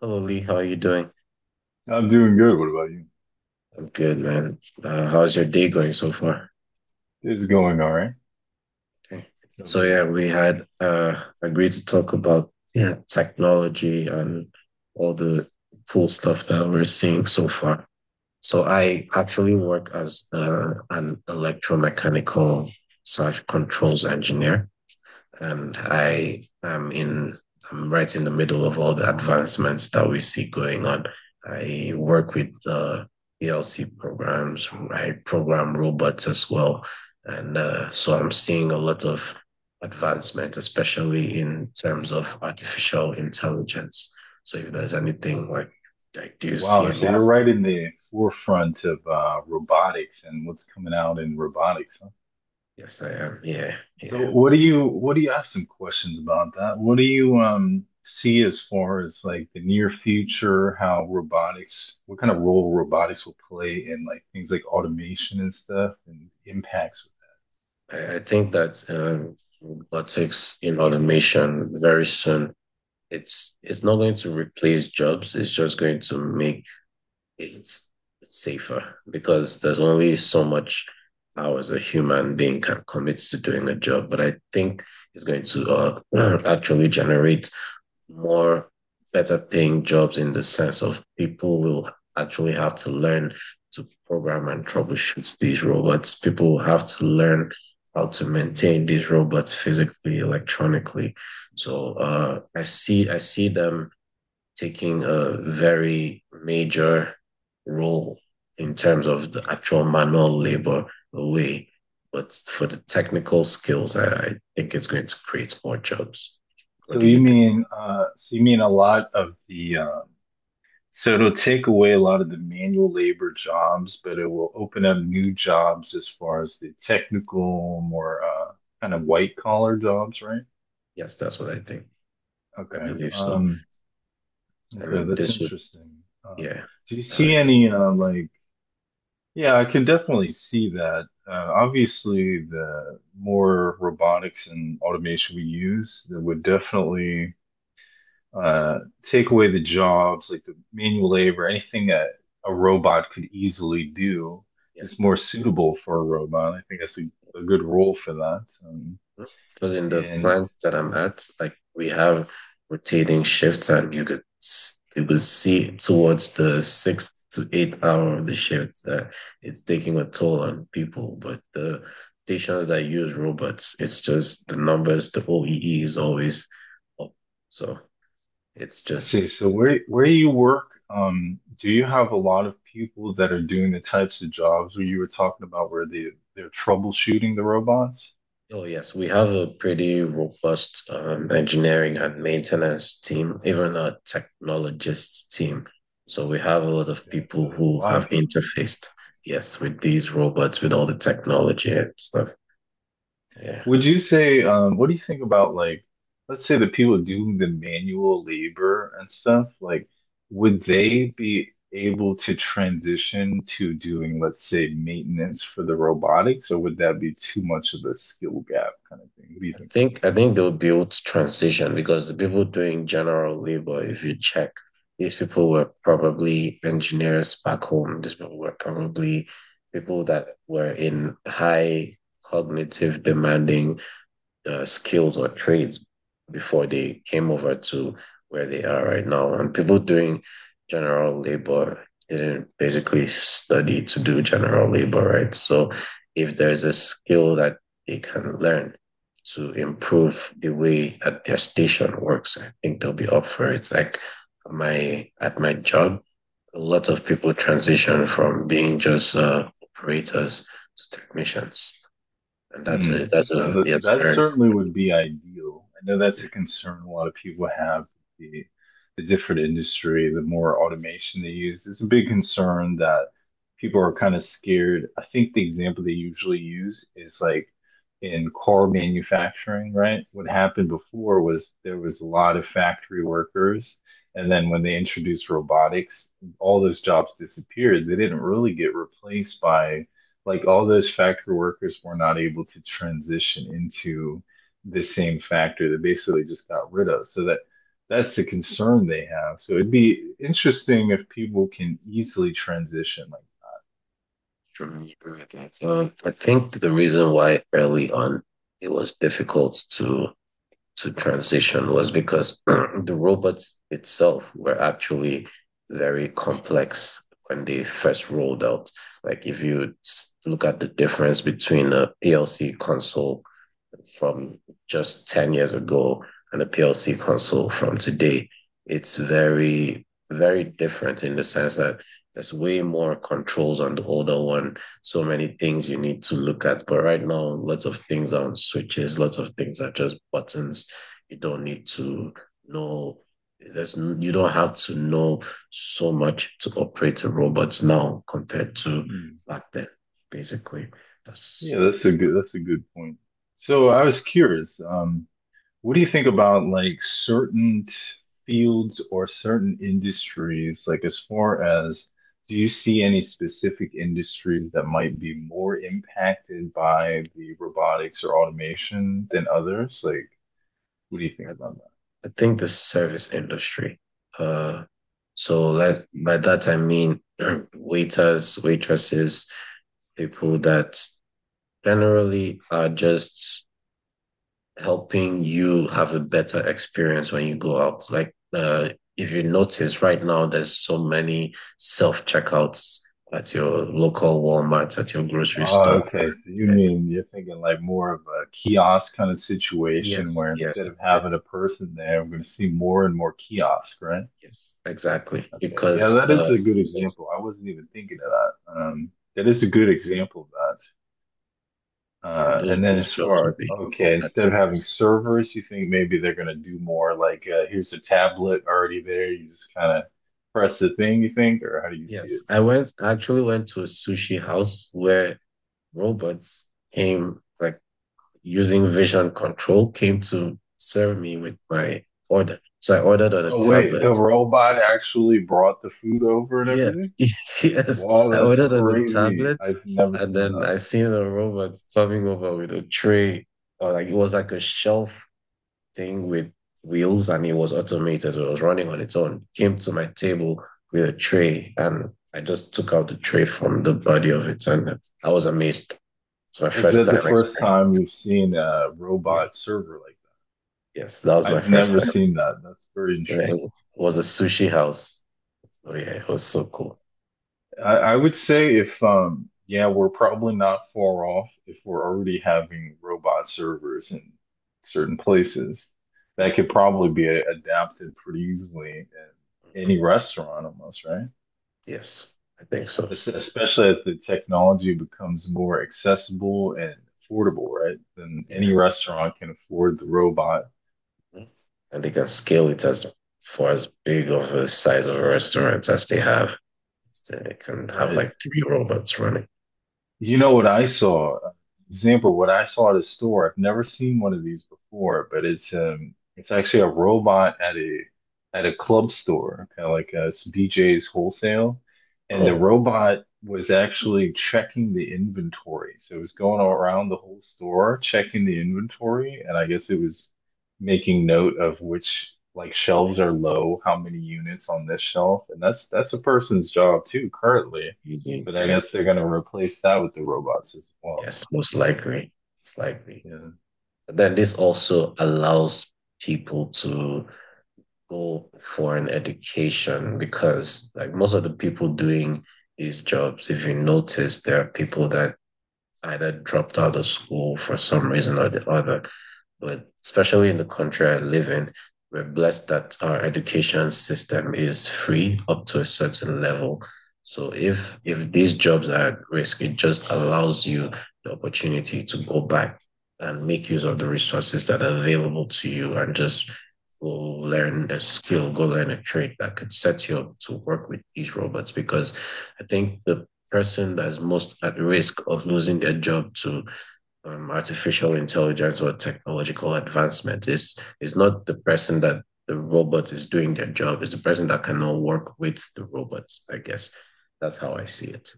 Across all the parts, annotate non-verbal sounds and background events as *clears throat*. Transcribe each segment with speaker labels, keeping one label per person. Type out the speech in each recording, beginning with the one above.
Speaker 1: Hello Lee, how are you doing?
Speaker 2: I'm doing good. What about you?
Speaker 1: I'm good, man. How's your day going so far?
Speaker 2: It's going all right.
Speaker 1: Okay.
Speaker 2: What
Speaker 1: So
Speaker 2: about you?
Speaker 1: yeah, we had agreed to talk about, yeah, technology and all the cool stuff that we're seeing so far. So I actually work as an electromechanical slash controls engineer. And I am in I'm right in the middle of all the advancements that we see going on. I work with ELC programs. I program robots as well, and so I'm seeing a lot of advancement, especially in terms of artificial intelligence. So if there's anything like, do you see
Speaker 2: Wow,
Speaker 1: any?
Speaker 2: so
Speaker 1: Yeah.
Speaker 2: you're right in the forefront of robotics and what's coming out in robotics, huh?
Speaker 1: Yes, I am. Yeah, yeah.
Speaker 2: So what do you I have some questions about that. What do you see as far as like the near future, how robotics, what kind of role robotics will play in like things like automation and stuff and impacts with
Speaker 1: I think that robotics in automation very soon it's not going to replace jobs. It's just going to make it safer because there's only so much hours a human being can commit to doing a job. But I think it's going to *clears throat* actually generate more better paying jobs in the sense of people will actually have to learn to program and troubleshoot these robots. People will have to learn how to maintain these robots physically, electronically. So I see them taking a very major role in terms of the actual manual labor away. But for the technical skills, I think it's going to create more jobs.
Speaker 2: that?
Speaker 1: What do you think?
Speaker 2: So you mean a lot of the so it'll take away a lot of the manual labor jobs, but it will open up new jobs as far as the technical, more kind of white collar jobs, right?
Speaker 1: Yes, that's what I think. I
Speaker 2: Okay.
Speaker 1: believe so.
Speaker 2: Okay,
Speaker 1: And
Speaker 2: that's
Speaker 1: this would,
Speaker 2: interesting. Uh,
Speaker 1: yeah.
Speaker 2: do you see
Speaker 1: I-
Speaker 2: any like, yeah, I can definitely see that. Obviously, the more robotics and automation we use, that would definitely take away the jobs, like the manual labor, anything that a robot could easily do
Speaker 1: yeah.
Speaker 2: is more suitable for a robot. I think that's a good role for that.
Speaker 1: Because in the
Speaker 2: And
Speaker 1: plants that I'm at, like, we have rotating shifts, and you could see towards the sixth to eighth hour of the shift that it's taking a toll on people. But the stations that use robots, it's just the numbers, the OEE is always up. So it's
Speaker 2: let's
Speaker 1: just.
Speaker 2: see, so where you work, do you have a lot of people that are doing the types of jobs where you were talking about where they're troubleshooting the robots?
Speaker 1: Oh, yes, we have a pretty robust engineering and maintenance team, even a technologist team. So we have a lot of
Speaker 2: Okay, so
Speaker 1: people
Speaker 2: there's a
Speaker 1: who
Speaker 2: lot of
Speaker 1: have
Speaker 2: people doing
Speaker 1: interfaced,
Speaker 2: it.
Speaker 1: yes, with these robots, with all the technology and stuff. Yeah,
Speaker 2: Would you say, what do you think about like, let's say the people doing the manual labor and stuff, like, would they be able to transition to doing, let's say, maintenance for the robotics, or would that be too much of a skill gap kind of thing? What do you
Speaker 1: I
Speaker 2: think?
Speaker 1: think I think they'll be able to transition because the people doing general labor, if you check, these people were probably engineers back home. These people were probably people that were in high cognitive demanding skills or trades before they came over to where they are right now. And people doing general labor didn't basically study to do general labor, right? So if there's a skill that they can learn to improve the way that their station works, I think they'll be up for it. It's like my at my job, a lot of people transition from being just operators to technicians. And that's
Speaker 2: Hmm.
Speaker 1: a that's a yes,
Speaker 2: That
Speaker 1: very
Speaker 2: certainly
Speaker 1: good.
Speaker 2: would be ideal. I know that's a concern a lot of people have. The, the different industry, the more automation they use, it's a big concern that people are kind of scared. I think the example they usually use is like in car manufacturing, right? What happened before was there was a lot of factory workers, and then when they introduced robotics, all those jobs disappeared. They didn't really get replaced by like all those factory workers were not able to transition into the same factory that basically just got rid of. So that's the concern they have. So it'd be interesting if people can easily transition. Like,
Speaker 1: Sure, I agree with that. I think the reason why early on it was difficult to transition was because *clears throat* the robots itself were actually very complex when they first rolled out. Like if look at the difference between a PLC console from just 10 years ago and a PLC console from today, it's very, very different in the sense that there's way more controls on the older one. So many things you need to look at. But right now, lots of things are on switches, lots of things are just buttons. You don't need to know you don't have to know so much to operate a robot now compared to
Speaker 2: hmm,
Speaker 1: back then, basically. That's
Speaker 2: yeah, that's a good point. So I
Speaker 1: yeah
Speaker 2: was curious. What do you think about like certain fields or certain industries? Like, as far as do you see any specific industries that might be more impacted by the robotics or automation than others? Like, what do you
Speaker 1: I
Speaker 2: think about that?
Speaker 1: I think the service industry. Uh, so like by that I mean *clears throat* waiters, waitresses, people that generally are just helping you have a better experience when you go out. Like, if you notice right now, there's so many self checkouts at your local Walmart, at your grocery
Speaker 2: Oh,
Speaker 1: store.
Speaker 2: okay. So you
Speaker 1: Yeah.
Speaker 2: mean you're thinking like more of a kiosk kind of situation
Speaker 1: Yes.
Speaker 2: where
Speaker 1: Yes.
Speaker 2: instead of
Speaker 1: uh,
Speaker 2: having a person there, we're going to see more and more kiosk, right?
Speaker 1: yes. Exactly.
Speaker 2: Yeah, yeah,
Speaker 1: Because
Speaker 2: that is a good
Speaker 1: those are
Speaker 2: example. I wasn't even thinking of that. That is a good example of that.
Speaker 1: Yeah, those
Speaker 2: And then
Speaker 1: those
Speaker 2: as
Speaker 1: jobs will
Speaker 2: far,
Speaker 1: be
Speaker 2: okay, instead
Speaker 1: that's
Speaker 2: of having
Speaker 1: risky.
Speaker 2: servers, you think maybe they're going to do more like here's a tablet already there. You just kind of press the thing, you think, or how do you see
Speaker 1: Yes,
Speaker 2: it?
Speaker 1: I actually went to a sushi house where robots came, like, using vision control, came to serve me with my order. So I ordered on a
Speaker 2: Oh, wait,
Speaker 1: tablet.
Speaker 2: the robot actually brought the food over and
Speaker 1: Yeah.
Speaker 2: everything?
Speaker 1: *laughs* Yes,
Speaker 2: Wow,
Speaker 1: I
Speaker 2: that's
Speaker 1: ordered on the
Speaker 2: crazy.
Speaker 1: tablet
Speaker 2: I've never
Speaker 1: and
Speaker 2: seen
Speaker 1: then
Speaker 2: that.
Speaker 1: I seen a robot coming over with a tray, or like it was like a shelf thing with wheels, and it was automated. So it was running on its own. Came to my table with a tray and I just took out the tray from the body of it, and I was amazed. It's my
Speaker 2: Is
Speaker 1: first
Speaker 2: that the
Speaker 1: time
Speaker 2: first
Speaker 1: experience.
Speaker 2: time you've seen a
Speaker 1: Yeah.
Speaker 2: robot server like
Speaker 1: Yes, that was
Speaker 2: that?
Speaker 1: my
Speaker 2: I've
Speaker 1: first
Speaker 2: never *laughs*
Speaker 1: time.
Speaker 2: seen that. That's very
Speaker 1: Yeah,
Speaker 2: interesting.
Speaker 1: it was a sushi house. Oh yeah, it was so cool.
Speaker 2: I would say if yeah, we're probably not far off if we're already having robot servers in certain places.
Speaker 1: Yep.
Speaker 2: That could probably be adapted pretty easily in any
Speaker 1: Mhm.
Speaker 2: restaurant almost, right?
Speaker 1: Yes, I think so.
Speaker 2: Especially as the technology becomes more accessible and affordable, right? Then
Speaker 1: Yeah.
Speaker 2: any restaurant can afford the robot,
Speaker 1: Mhm. And they can scale it as for as big of a size of a restaurant as they have. So they can have
Speaker 2: right?
Speaker 1: like three robots running.
Speaker 2: You know what I saw? Example, what I saw at a store. I've never seen one of these before, but it's actually a robot at a club store, kind of like it's BJ's Wholesale, and the
Speaker 1: Oh,
Speaker 2: robot was actually checking the inventory. So it was going all around the whole store checking the inventory, and I guess it was making note of which like shelves are low, how many units on this shelf, and that's a person's job too currently.
Speaker 1: using.
Speaker 2: But I
Speaker 1: Yeah.
Speaker 2: guess they're gonna replace that with the robots as well.
Speaker 1: Yes, most likely. It's likely.
Speaker 2: Yeah,
Speaker 1: But then this also allows people to go for an education because like most of the people doing these jobs, if you notice, there are people that either dropped out of school for some reason or the other. But especially in the country I live in, we're blessed that our education system is free up to a certain level. So if these jobs are at risk, it just allows you the opportunity to go back and make use of the resources that are available to you and just go learn a skill, go learn a trade that could set you up to work with these robots. Because I think the person that's most at risk of losing their job to artificial intelligence or technological advancement. It's not the person that the robot is doing their job, it's the person that cannot work with the robots, I guess. That's how I see it.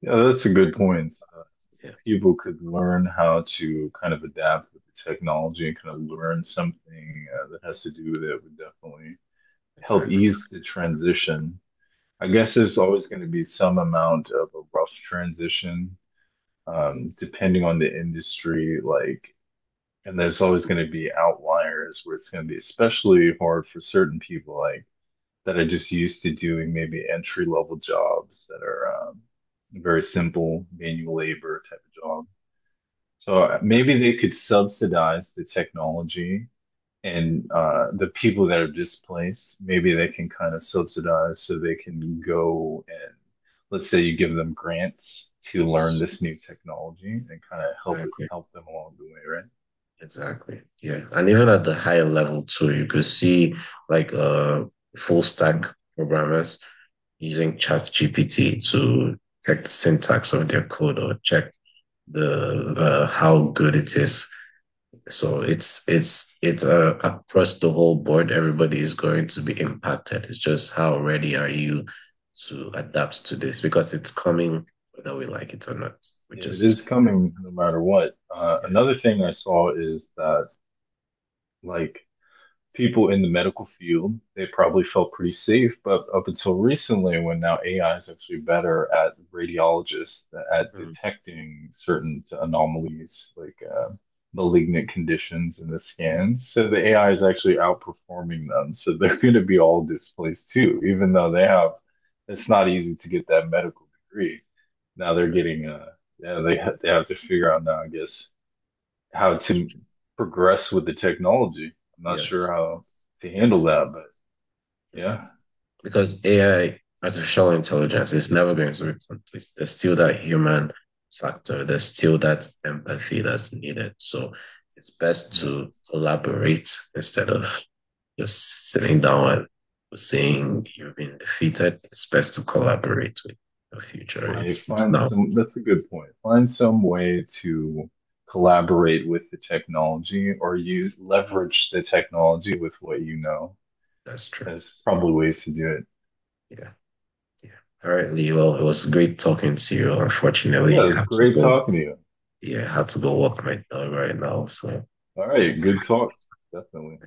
Speaker 2: yeah, that's a good point.
Speaker 1: Yeah,
Speaker 2: People could learn how to kind of adapt with the technology and kind of learn something that has to do with it would definitely help
Speaker 1: exactly.
Speaker 2: ease the transition. I guess there's always going to be some amount of a rough transition, depending on the industry. Like, and there's always going to be outliers where it's going to be especially hard for certain people. Like, that are just used to doing maybe entry level jobs that are very simple manual labor type of job. So maybe they could subsidize the technology and the people that are displaced. Maybe they can kind of subsidize so they can go and let's say you give them grants to learn this new technology and kind of help it
Speaker 1: Exactly.
Speaker 2: help them along the way, right?
Speaker 1: Exactly. Yeah. And even at the higher level too, you could see like full stack programmers using ChatGPT to check the syntax of their code or check the how good it is. So it's across the whole board. Everybody is going to be impacted. It's just how ready are you to adapt to this because it's coming whether we like it or not. We
Speaker 2: It
Speaker 1: just
Speaker 2: is coming no matter what.
Speaker 1: yeah
Speaker 2: Another thing I saw is that like people in the medical field, they probably felt pretty safe. But up until recently, when now AI is actually better at radiologists at
Speaker 1: mm,
Speaker 2: detecting certain anomalies like malignant conditions in the
Speaker 1: Yeah,
Speaker 2: scans, so the AI is actually outperforming them. So they're *laughs* going to be all displaced too, even though they have. It's not easy to get that medical degree.
Speaker 1: it's
Speaker 2: Now they're
Speaker 1: true,
Speaker 2: getting yeah they have to figure out now, I guess how
Speaker 1: that's
Speaker 2: to
Speaker 1: true,
Speaker 2: progress with the technology. I'm not
Speaker 1: yes,
Speaker 2: sure how to handle
Speaker 1: yes.
Speaker 2: that, but
Speaker 1: Mhm.
Speaker 2: yeah,
Speaker 1: Because AI, artificial intelligence, is never going to be complete. There's still that human factor. There's still that empathy that's needed. So it's best
Speaker 2: yeah,
Speaker 1: to collaborate instead of just sitting down and seeing you've been defeated, it's best to collaborate with your future.
Speaker 2: right.
Speaker 1: It's
Speaker 2: Find
Speaker 1: now.
Speaker 2: some, that's a good point. Find some way to collaborate with the technology or you leverage the technology with what you know.
Speaker 1: That's true.
Speaker 2: There's probably ways to do it.
Speaker 1: Yeah. Yeah. All right, Lee. Well, it was great talking to you.
Speaker 2: Yeah,
Speaker 1: Unfortunately,
Speaker 2: it
Speaker 1: I
Speaker 2: was
Speaker 1: have to
Speaker 2: great
Speaker 1: go.
Speaker 2: talking to you.
Speaker 1: Yeah, I have to go walk my dog right now. So.
Speaker 2: All
Speaker 1: I'll-
Speaker 2: right, good talk. Definitely.